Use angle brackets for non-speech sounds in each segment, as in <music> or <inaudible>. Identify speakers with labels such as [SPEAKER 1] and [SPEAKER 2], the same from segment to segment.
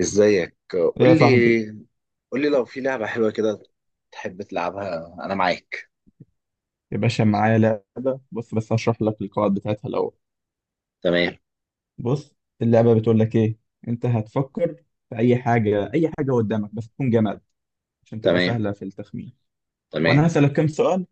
[SPEAKER 1] ازيك؟
[SPEAKER 2] يا
[SPEAKER 1] قول
[SPEAKER 2] صاحبي،
[SPEAKER 1] لي، قول لي لو في لعبة حلوة كده تحب تلعبها انا معاك.
[SPEAKER 2] يا باشا معايا لعبة. بص، بس هشرح لك القواعد بتاعتها الأول.
[SPEAKER 1] تمام.
[SPEAKER 2] بص، اللعبة بتقول لك إيه. أنت هتفكر في أي حاجة، أي حاجة قدامك بس تكون جماد، عشان تبقى
[SPEAKER 1] تمام.
[SPEAKER 2] سهلة في التخمين. وأنا
[SPEAKER 1] تمام.
[SPEAKER 2] هسألك كام سؤال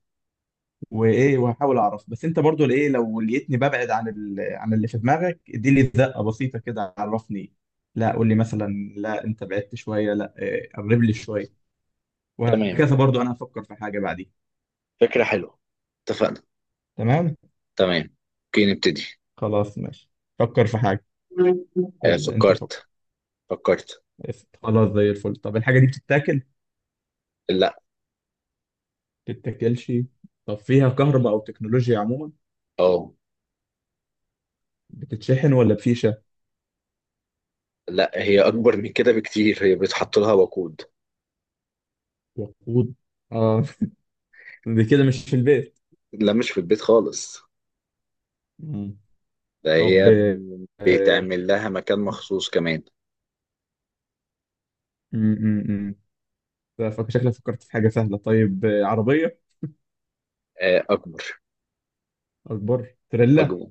[SPEAKER 2] وإيه وهحاول أعرف، بس أنت برضو إيه، لو لقيتني ببعد عن عن اللي في دماغك إديلي زقة بسيطة كده، عرفني. لا، قول لي مثلا لا أنت بعدت شوية، لا قرب لي شوية.
[SPEAKER 1] تمام.
[SPEAKER 2] وهكذا. برضو أنا هفكر في حاجة بعدين.
[SPEAKER 1] فكرة حلوة، اتفقنا.
[SPEAKER 2] تمام،
[SPEAKER 1] تمام. اوكي نبتدي.
[SPEAKER 2] خلاص، ماشي. فكر في حاجة.
[SPEAKER 1] <laughs>
[SPEAKER 2] ابدأ أنت، فكر.
[SPEAKER 1] فكرت. فكرت.
[SPEAKER 2] قشطة. خلاص، زي الفل. طب الحاجة دي بتتاكل
[SPEAKER 1] لا.
[SPEAKER 2] بتتاكلش؟ طب فيها كهرباء أو تكنولوجيا عموما؟
[SPEAKER 1] اه.
[SPEAKER 2] بتتشحن ولا بفيشة؟
[SPEAKER 1] لا، هي اكبر من كده بكتير، هي بيتحط لها وقود.
[SPEAKER 2] وقود، اه. <laughs> دي كده مش في البيت.
[SPEAKER 1] لا مش في البيت خالص.
[SPEAKER 2] مم.
[SPEAKER 1] ده
[SPEAKER 2] طب
[SPEAKER 1] هي
[SPEAKER 2] آه،
[SPEAKER 1] بيتعمل لها مكان مخصوص كمان.
[SPEAKER 2] مم. شكلك فكرت في حاجة سهلة. طيب عربية.
[SPEAKER 1] اكبر.
[SPEAKER 2] أكبر، تريلا؟
[SPEAKER 1] اكبر.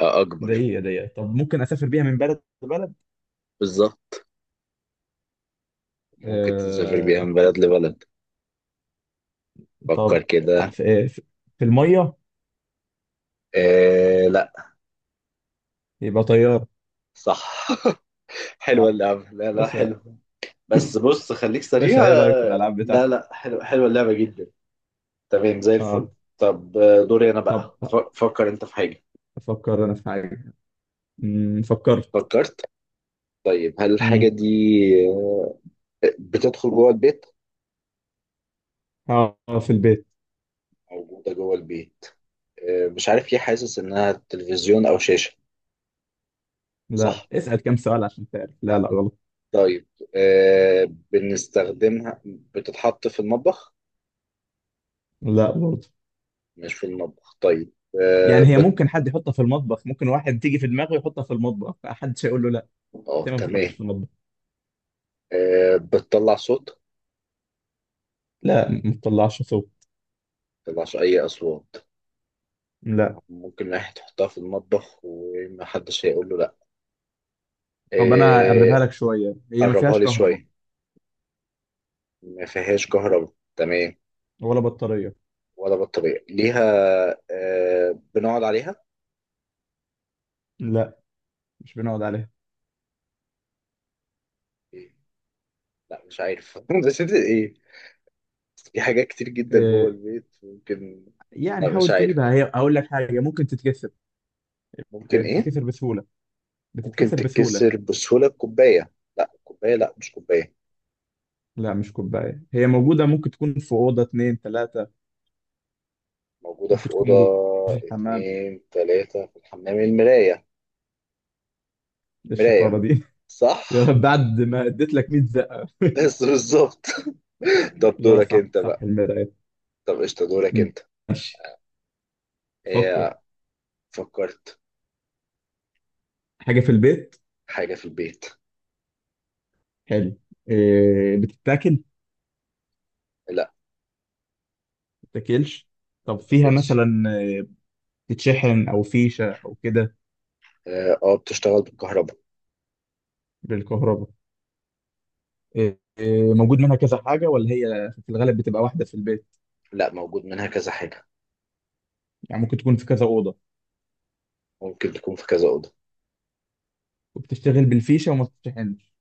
[SPEAKER 2] ده
[SPEAKER 1] اكبر.
[SPEAKER 2] إيه؟ ده إيه؟ طب ممكن أسافر بيها من بلد لبلد؟
[SPEAKER 1] بالظبط، ممكن تسافر
[SPEAKER 2] آه.
[SPEAKER 1] بيها من بلد لبلد.
[SPEAKER 2] طب
[SPEAKER 1] فكر
[SPEAKER 2] ع-
[SPEAKER 1] كده.
[SPEAKER 2] في, آه، في في المية؟
[SPEAKER 1] آه لا.
[SPEAKER 2] يبقى طيارة.
[SPEAKER 1] صح. <laughs> حلوة
[SPEAKER 2] اه،
[SPEAKER 1] اللعبة، لا لا
[SPEAKER 2] باشا.
[SPEAKER 1] حلوة. بس بص خليك سريع.
[SPEAKER 2] باشا، إيه رأيك في الألعاب
[SPEAKER 1] لا
[SPEAKER 2] بتاعتي؟
[SPEAKER 1] لا، حلوة، حلوة اللعبة جدا. تمام زي
[SPEAKER 2] اه.
[SPEAKER 1] الفل. طب دوري أنا بقى
[SPEAKER 2] طب،
[SPEAKER 1] فكر أنت في حاجة.
[SPEAKER 2] أفكر أنا في حاجة. فكرت.
[SPEAKER 1] فكرت. طيب هل الحاجة
[SPEAKER 2] امم
[SPEAKER 1] دي بتدخل جوه البيت؟
[SPEAKER 2] اه، في البيت.
[SPEAKER 1] موجودة جوه البيت. مش عارف ايه، حاسس إنها تلفزيون أو شاشة.
[SPEAKER 2] لا،
[SPEAKER 1] صح.
[SPEAKER 2] اسأل كم سؤال عشان تعرف. لا لا، غلط.
[SPEAKER 1] طيب آه، بنستخدمها، بتتحط في المطبخ.
[SPEAKER 2] لا برضه.
[SPEAKER 1] مش في المطبخ طيب. اه
[SPEAKER 2] يعني هي ممكن حد يحطها في المطبخ، ممكن واحد تيجي في دماغه يحطها في المطبخ محدش هيقول له لا. انت ما بتحطش في
[SPEAKER 1] تمام.
[SPEAKER 2] المطبخ؟
[SPEAKER 1] بتطلع صوت؟
[SPEAKER 2] لا، ما بتطلعش صوت.
[SPEAKER 1] متطلعش أي أصوات.
[SPEAKER 2] لا.
[SPEAKER 1] ممكن واحد يحطها في المطبخ ومحدش هيقول له لأ.
[SPEAKER 2] طب انا اقربها
[SPEAKER 1] آه،
[SPEAKER 2] لك شوية، هي ما
[SPEAKER 1] قربها
[SPEAKER 2] فيهاش
[SPEAKER 1] لي
[SPEAKER 2] كهرباء
[SPEAKER 1] شوية. ما فيهاش كهرباء تمام.
[SPEAKER 2] ولا بطارية.
[SPEAKER 1] ولا بطارية ليها. بنقعد عليها.
[SPEAKER 2] لا، مش بنقعد عليها.
[SPEAKER 1] إيه؟ لأ مش عارف. <laughs> بس إنت إيه؟ في حاجات كتير جدا جوه
[SPEAKER 2] إيه؟
[SPEAKER 1] البيت ممكن.
[SPEAKER 2] يعني
[SPEAKER 1] لأ مش
[SPEAKER 2] حاول
[SPEAKER 1] عارف.
[SPEAKER 2] تجيبها، هي اقول لك حاجة، ممكن تتكسر.
[SPEAKER 1] ممكن إيه؟
[SPEAKER 2] بتتكسر بسهولة،
[SPEAKER 1] ممكن
[SPEAKER 2] بتتكسر بسهولة.
[SPEAKER 1] تتكسر بسهولة، الكوباية؟ لأ كوباية، لأ مش كوباية.
[SPEAKER 2] لا مش كوباية، هي موجودة ممكن تكون في أوضة اتنين تلاتة.
[SPEAKER 1] موجودة
[SPEAKER 2] ممكن
[SPEAKER 1] في
[SPEAKER 2] تكون
[SPEAKER 1] أوضة
[SPEAKER 2] موجودة في الحمام.
[SPEAKER 1] اتنين تلاتة، في الحمام، المراية؟
[SPEAKER 2] إيه الشطارة
[SPEAKER 1] مراية.
[SPEAKER 2] دي؟ <laughs> يا
[SPEAKER 1] صح.
[SPEAKER 2] رب بعد ما اديت لك 100 زقة. <laughs>
[SPEAKER 1] بس بالظبط. <laughs> طب
[SPEAKER 2] لا،
[SPEAKER 1] دورك
[SPEAKER 2] صح
[SPEAKER 1] انت
[SPEAKER 2] صح،
[SPEAKER 1] بقى.
[SPEAKER 2] المراية.
[SPEAKER 1] طب قشطة دورك
[SPEAKER 2] مم.
[SPEAKER 1] انت.
[SPEAKER 2] ماشي. فكر.
[SPEAKER 1] ايه، فكرت.
[SPEAKER 2] حاجة في البيت.
[SPEAKER 1] حاجة في البيت.
[SPEAKER 2] حلو. إيه، بتتاكل ما
[SPEAKER 1] لا
[SPEAKER 2] بتتاكلش؟
[SPEAKER 1] ما
[SPEAKER 2] طب فيها
[SPEAKER 1] بتاكلش.
[SPEAKER 2] مثلا إيه، بتتشحن او فيشة او كده؟
[SPEAKER 1] اه بتشتغل بالكهرباء.
[SPEAKER 2] بالكهرباء. إيه إيه، موجود منها كذا حاجة ولا هي في الغالب بتبقى واحدة في البيت؟
[SPEAKER 1] لا موجود منها كذا حاجة.
[SPEAKER 2] يعني ممكن تكون في كذا أوضة؟
[SPEAKER 1] ممكن تكون في كذا أوضة.
[SPEAKER 2] وبتشتغل بالفيشة وما بتتشحنش.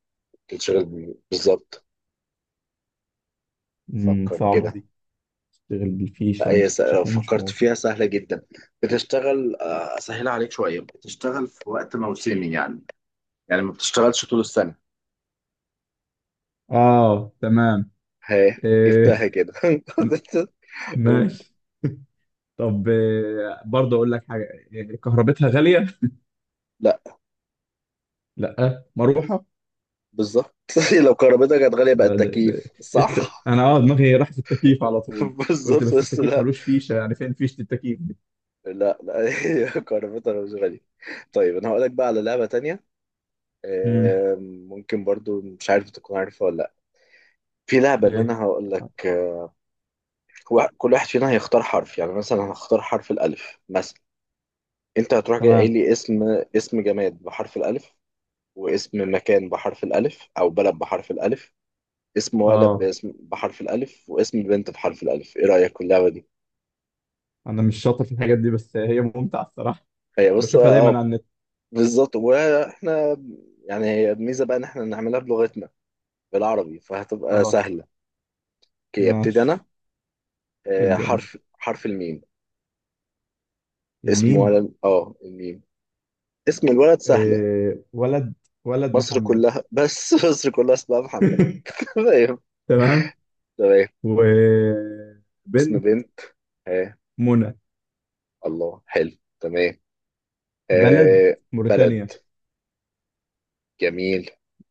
[SPEAKER 1] بتشتغل بالظبط.
[SPEAKER 2] امم،
[SPEAKER 1] فكر
[SPEAKER 2] صعبة
[SPEAKER 1] كده.
[SPEAKER 2] دي. بتشتغل
[SPEAKER 1] لا
[SPEAKER 2] بالفيشة وما
[SPEAKER 1] لو
[SPEAKER 2] بتتشحنش،
[SPEAKER 1] فكرت
[SPEAKER 2] موجود.
[SPEAKER 1] فيها سهلة جدا. بتشتغل أسهلها عليك شوية. بتشتغل في وقت موسمي يعني ما بتشتغلش طول السنة.
[SPEAKER 2] اه، تمام.
[SPEAKER 1] ها،
[SPEAKER 2] آه،
[SPEAKER 1] جبتها كده. <laughs> قول.
[SPEAKER 2] ماشي. طب برضه اقول لك حاجه، كهربتها غاليه.
[SPEAKER 1] لا.
[SPEAKER 2] لا، مروحه.
[SPEAKER 1] بالظبط. <laughs> لو كهربتها كانت غالية بقى
[SPEAKER 2] ما ده ده،
[SPEAKER 1] التكييف،
[SPEAKER 2] إيه،
[SPEAKER 1] صح.
[SPEAKER 2] انا دماغي راح في التكييف على
[SPEAKER 1] <laughs>
[SPEAKER 2] طول. قلت
[SPEAKER 1] بالظبط
[SPEAKER 2] بس
[SPEAKER 1] بس.
[SPEAKER 2] التكييف
[SPEAKER 1] لا،
[SPEAKER 2] ملوش فيشه، يعني فين فيشه التكييف دي.
[SPEAKER 1] لا، لا، هي كهربتها مش غالية. طيب انا هقولك بقى على لعبة تانية.
[SPEAKER 2] امم
[SPEAKER 1] ممكن برضو، مش عارف تكون عارفها ولا لا. في لعبة ان
[SPEAKER 2] ايه.
[SPEAKER 1] انا هقولك. كل واحد فينا هيختار حرف، يعني مثلا هختار حرف الالف مثلا. انت هتروح جاي قايل
[SPEAKER 2] تمام.
[SPEAKER 1] لي اسم. اسم جماد بحرف الالف، واسم مكان بحرف الالف او بلد بحرف الالف. اسم ولد
[SPEAKER 2] اه،
[SPEAKER 1] باسم بحرف الالف، واسم بنت بحرف الالف. ايه رأيك في اللعبة دي؟
[SPEAKER 2] انا مش شاطر في الحاجات دي بس هي ممتعه الصراحه،
[SPEAKER 1] هي بص،
[SPEAKER 2] بشوفها دايما
[SPEAKER 1] اه،
[SPEAKER 2] على النت.
[SPEAKER 1] بالظبط. واحنا يعني هي الميزه بقى ان احنا نعملها بلغتنا، بالعربي فهتبقى
[SPEAKER 2] خلاص،
[SPEAKER 1] سهله. اوكي ابتدي انا.
[SPEAKER 2] ماشي. ابدا انت.
[SPEAKER 1] حرف الميم. اسم
[SPEAKER 2] الميم.
[SPEAKER 1] ولد، اه، الميم، اسم الولد سهله.
[SPEAKER 2] ولد، ولد
[SPEAKER 1] مصر
[SPEAKER 2] محمد.
[SPEAKER 1] كلها بس، <laughs> مصر كلها اسمها محمد.
[SPEAKER 2] <laughs>
[SPEAKER 1] <laughs> تمام.
[SPEAKER 2] تمام.
[SPEAKER 1] تمام. اسم
[SPEAKER 2] وبنت،
[SPEAKER 1] بنت. ها.
[SPEAKER 2] منى.
[SPEAKER 1] الله، حلو. تمام.
[SPEAKER 2] بلد،
[SPEAKER 1] آه،
[SPEAKER 2] موريتانيا.
[SPEAKER 1] بلد. جميل.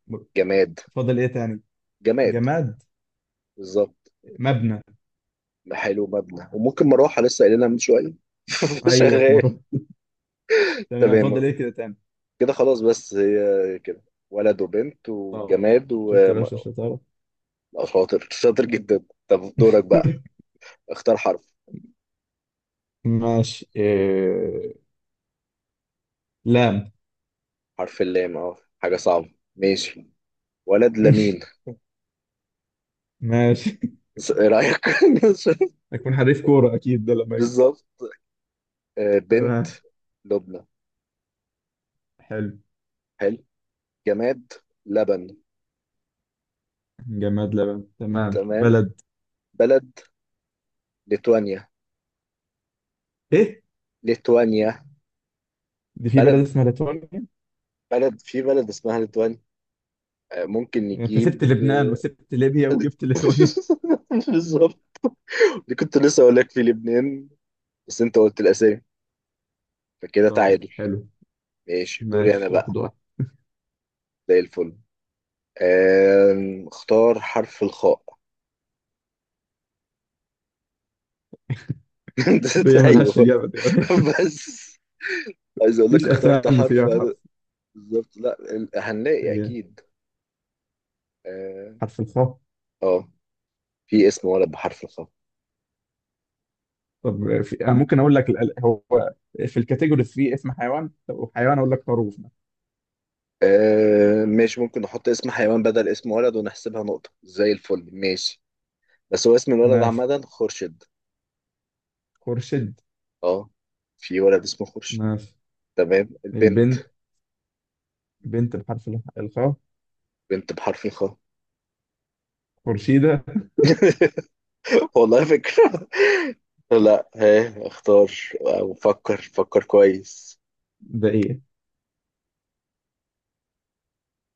[SPEAKER 2] مر-
[SPEAKER 1] جماد.
[SPEAKER 2] فاضل ايه تاني؟
[SPEAKER 1] جماد.
[SPEAKER 2] جماد،
[SPEAKER 1] بالظبط.
[SPEAKER 2] مبنى.
[SPEAKER 1] حلو، مبنى، وممكن مروحه لسه قايلينها من شويه. <laughs>
[SPEAKER 2] ايوه،
[SPEAKER 1] شغال.
[SPEAKER 2] مرة. تمام.
[SPEAKER 1] تمام
[SPEAKER 2] فاضل ايه كده تاني؟
[SPEAKER 1] كده خلاص. بس هي كده، ولد وبنت
[SPEAKER 2] طب،
[SPEAKER 1] وجماد،
[SPEAKER 2] شفت يا باشا
[SPEAKER 1] وشاطر.
[SPEAKER 2] الشطارة؟
[SPEAKER 1] شاطر، شاطر جدا. طب دورك بقى.
[SPEAKER 2] <laughs>
[SPEAKER 1] اختار حرف
[SPEAKER 2] ماشي. لام.
[SPEAKER 1] حرف اللام، اه. حاجة صعبة. ماشي. ولد لمين؟
[SPEAKER 2] <laughs> ماشي.
[SPEAKER 1] ايه رأيك؟ <laughs>
[SPEAKER 2] اكون حريف كورة اكيد ده لما اجي.
[SPEAKER 1] بالظبط. بنت
[SPEAKER 2] تمام.
[SPEAKER 1] لبنى.
[SPEAKER 2] حلو.
[SPEAKER 1] حلو. جماد لبن.
[SPEAKER 2] جماد، لبن. تمام.
[SPEAKER 1] تمام.
[SPEAKER 2] بلد،
[SPEAKER 1] بلد ليتوانيا.
[SPEAKER 2] ايه؟
[SPEAKER 1] ليتوانيا.
[SPEAKER 2] دي في بلد
[SPEAKER 1] بلد.
[SPEAKER 2] اسمها ليتوانيا يعني؟
[SPEAKER 1] بلد، في بلد اسمها ليتوانيا. ممكن
[SPEAKER 2] انت سبت
[SPEAKER 1] نجيب
[SPEAKER 2] لبنان وسبت ليبيا وجبت ليتوانيا؟
[SPEAKER 1] <laughs> بالظبط. دي كنت لسه اقول لك في لبنان، بس انت قلت الاسامي فكده
[SPEAKER 2] طب،
[SPEAKER 1] تعادل.
[SPEAKER 2] حلو.
[SPEAKER 1] ماشي دوري انا
[SPEAKER 2] ماشي، واحد
[SPEAKER 1] بقى.
[SPEAKER 2] واحد.
[SPEAKER 1] زي الفل. اختار حرف الخاء.
[SPEAKER 2] دي
[SPEAKER 1] <laughs> ايوه.
[SPEAKER 2] ملهاش اجابة دي. <laughs>
[SPEAKER 1] بس عايز اقول لك
[SPEAKER 2] مفيش
[SPEAKER 1] اخترت
[SPEAKER 2] اسامي
[SPEAKER 1] حرف
[SPEAKER 2] فيها حرف.
[SPEAKER 1] بالظبط. لا هنلاقي
[SPEAKER 2] هي
[SPEAKER 1] اكيد. اه
[SPEAKER 2] حرف الخاء.
[SPEAKER 1] آه، في اسم ولد بحرف الخاء؟
[SPEAKER 2] أنا ممكن أقول لك هو في الكاتيجوري في اسم حيوان، لو حيوان أقول لك خروف مثلا.
[SPEAKER 1] آه ماشي، ممكن نحط اسم حيوان بدل اسم ولد، ونحسبها نقطة زي الفل. ماشي. بس هو اسم الولد
[SPEAKER 2] ماشي،
[SPEAKER 1] عامة، خورشيد.
[SPEAKER 2] خورشيد.
[SPEAKER 1] اه، في ولد اسمه خورشيد.
[SPEAKER 2] ماشي.
[SPEAKER 1] تمام، البنت.
[SPEAKER 2] البنت، بنت بحرف الخاء،
[SPEAKER 1] بنت بحرف الخاء.
[SPEAKER 2] خورشيدة.
[SPEAKER 1] <laughs> والله فكرة. لا، ها، اختار. وفكر، فكر، فكر كويس.
[SPEAKER 2] ده إيه؟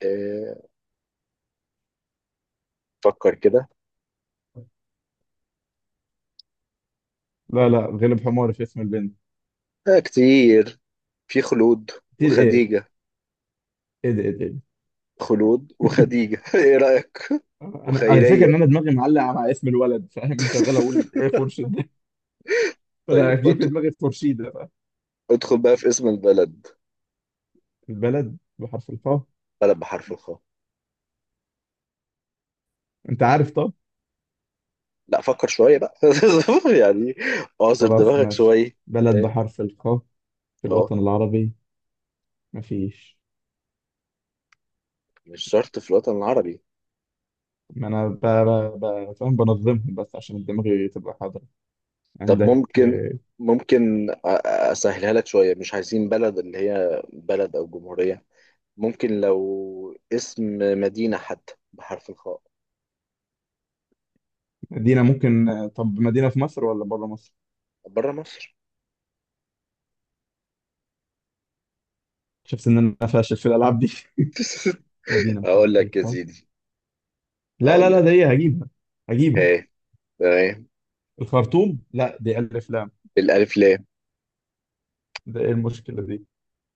[SPEAKER 1] آه، فكر كده.
[SPEAKER 2] لا لا، غلب حماري في اسم البنت.
[SPEAKER 1] كتير، في خلود
[SPEAKER 2] كتير إيه؟
[SPEAKER 1] وخديجة،
[SPEAKER 2] إيه ده؟ إيه ده؟ إيه ده؟
[SPEAKER 1] خلود
[SPEAKER 2] <laughs>
[SPEAKER 1] وخديجة. <laughs> ايه رأيك؟
[SPEAKER 2] أنا الفكرة إن
[SPEAKER 1] وخيرية.
[SPEAKER 2] أنا دماغي معلقة مع اسم الولد، فاهم، شغال أقول إيه،
[SPEAKER 1] <laughs>
[SPEAKER 2] خورشيد <laughs> ده، فأنا
[SPEAKER 1] طيب
[SPEAKER 2] جه في دماغي خورشيدة بقى.
[SPEAKER 1] ادخل بقى في اسم البلد.
[SPEAKER 2] البلد بحرف الخاء.
[SPEAKER 1] بلد بحرف الخاء.
[SPEAKER 2] أنت عارف؟ طب،
[SPEAKER 1] لا فكر شوية بقى، <laughs> يعني اعصر
[SPEAKER 2] خلاص،
[SPEAKER 1] دماغك
[SPEAKER 2] ماشي،
[SPEAKER 1] شوية.
[SPEAKER 2] بلد
[SPEAKER 1] ايه؟
[SPEAKER 2] بحرف الخاء في
[SPEAKER 1] اه.
[SPEAKER 2] الوطن العربي؟ مفيش.
[SPEAKER 1] مش شرط في الوطن العربي.
[SPEAKER 2] ما انا فاهم بنظمهم بس عشان دماغي تبقى حاضرة.
[SPEAKER 1] طب
[SPEAKER 2] عندك
[SPEAKER 1] ممكن، اسهلها لك شوية، مش عايزين بلد اللي هي بلد او جمهورية. ممكن لو اسم مدينة حتى بحرف الخاء.
[SPEAKER 2] مدينة ممكن؟ طب مدينة في مصر ولا بره مصر؟
[SPEAKER 1] بره مصر.
[SPEAKER 2] شفت ان انا فاشل في الالعاب دي؟
[SPEAKER 1] <laughs>
[SPEAKER 2] <laughs> مدينة بحرف
[SPEAKER 1] هقول لك يا
[SPEAKER 2] الخاء.
[SPEAKER 1] سيدي.
[SPEAKER 2] لا لا
[SPEAKER 1] هقول
[SPEAKER 2] لا،
[SPEAKER 1] لك.
[SPEAKER 2] ده هي هجيبها، هجيبها.
[SPEAKER 1] هي، تمام.
[SPEAKER 2] الخرطوم، لا دي الف لام.
[SPEAKER 1] بالألف لام.
[SPEAKER 2] ده ايه المشكلة دي؟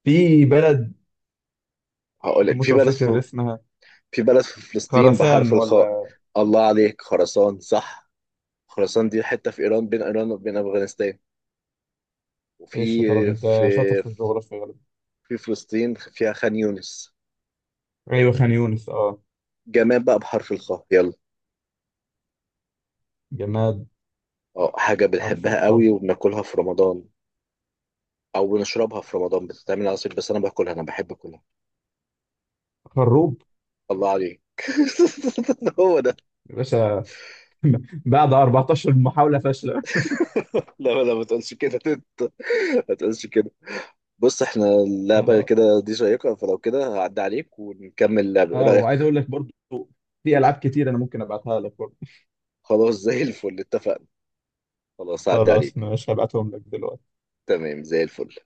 [SPEAKER 2] في بلد،
[SPEAKER 1] هقول لك
[SPEAKER 2] هموت
[SPEAKER 1] في بلد،
[SPEAKER 2] وافتكر
[SPEAKER 1] في
[SPEAKER 2] اسمها.
[SPEAKER 1] في بلد في فلسطين
[SPEAKER 2] خراسان
[SPEAKER 1] بحرف الخاء.
[SPEAKER 2] ولا؟
[SPEAKER 1] الله عليك، خراسان، صح. خراسان دي حتة في إيران، بين إيران وبين أفغانستان.
[SPEAKER 2] ايه
[SPEAKER 1] وفي،
[SPEAKER 2] الشطارة دي انت،
[SPEAKER 1] في
[SPEAKER 2] شاطر في الجغرافيا غالبا.
[SPEAKER 1] في فلسطين فيها خان يونس.
[SPEAKER 2] ايوه، خان يونس، اه.
[SPEAKER 1] جمال بقى بحرف الخاء يلا.
[SPEAKER 2] جماد
[SPEAKER 1] اه، حاجة
[SPEAKER 2] حرف
[SPEAKER 1] بنحبها قوي
[SPEAKER 2] الخاء،
[SPEAKER 1] وبناكلها في رمضان، أو بنشربها في رمضان، بتتعمل عصير، بس أنا باكلها، أنا بحب أكلها.
[SPEAKER 2] خروب.
[SPEAKER 1] الله عليك، <laughs> هو ده.
[SPEAKER 2] يا باشا، بعد 14 محاولة فاشلة.
[SPEAKER 1] لا لا، ما تقولش كده، <laughs> انت ما تقولش كده. بص، احنا اللعبة
[SPEAKER 2] <laughs>
[SPEAKER 1] كده دي شيقة، فلو كده هعدي عليك ونكمل اللعبة، ايه
[SPEAKER 2] اه،
[SPEAKER 1] رأيك؟
[SPEAKER 2] وعايز اقول لك برضو، في العاب كتير انا ممكن ابعتها لك برضو.
[SPEAKER 1] خلاص زي الفل، اتفقنا. خلاص هعدي
[SPEAKER 2] خلاص،
[SPEAKER 1] عليك.
[SPEAKER 2] مش هبعتهم لك دلوقتي.
[SPEAKER 1] تمام زي الفل.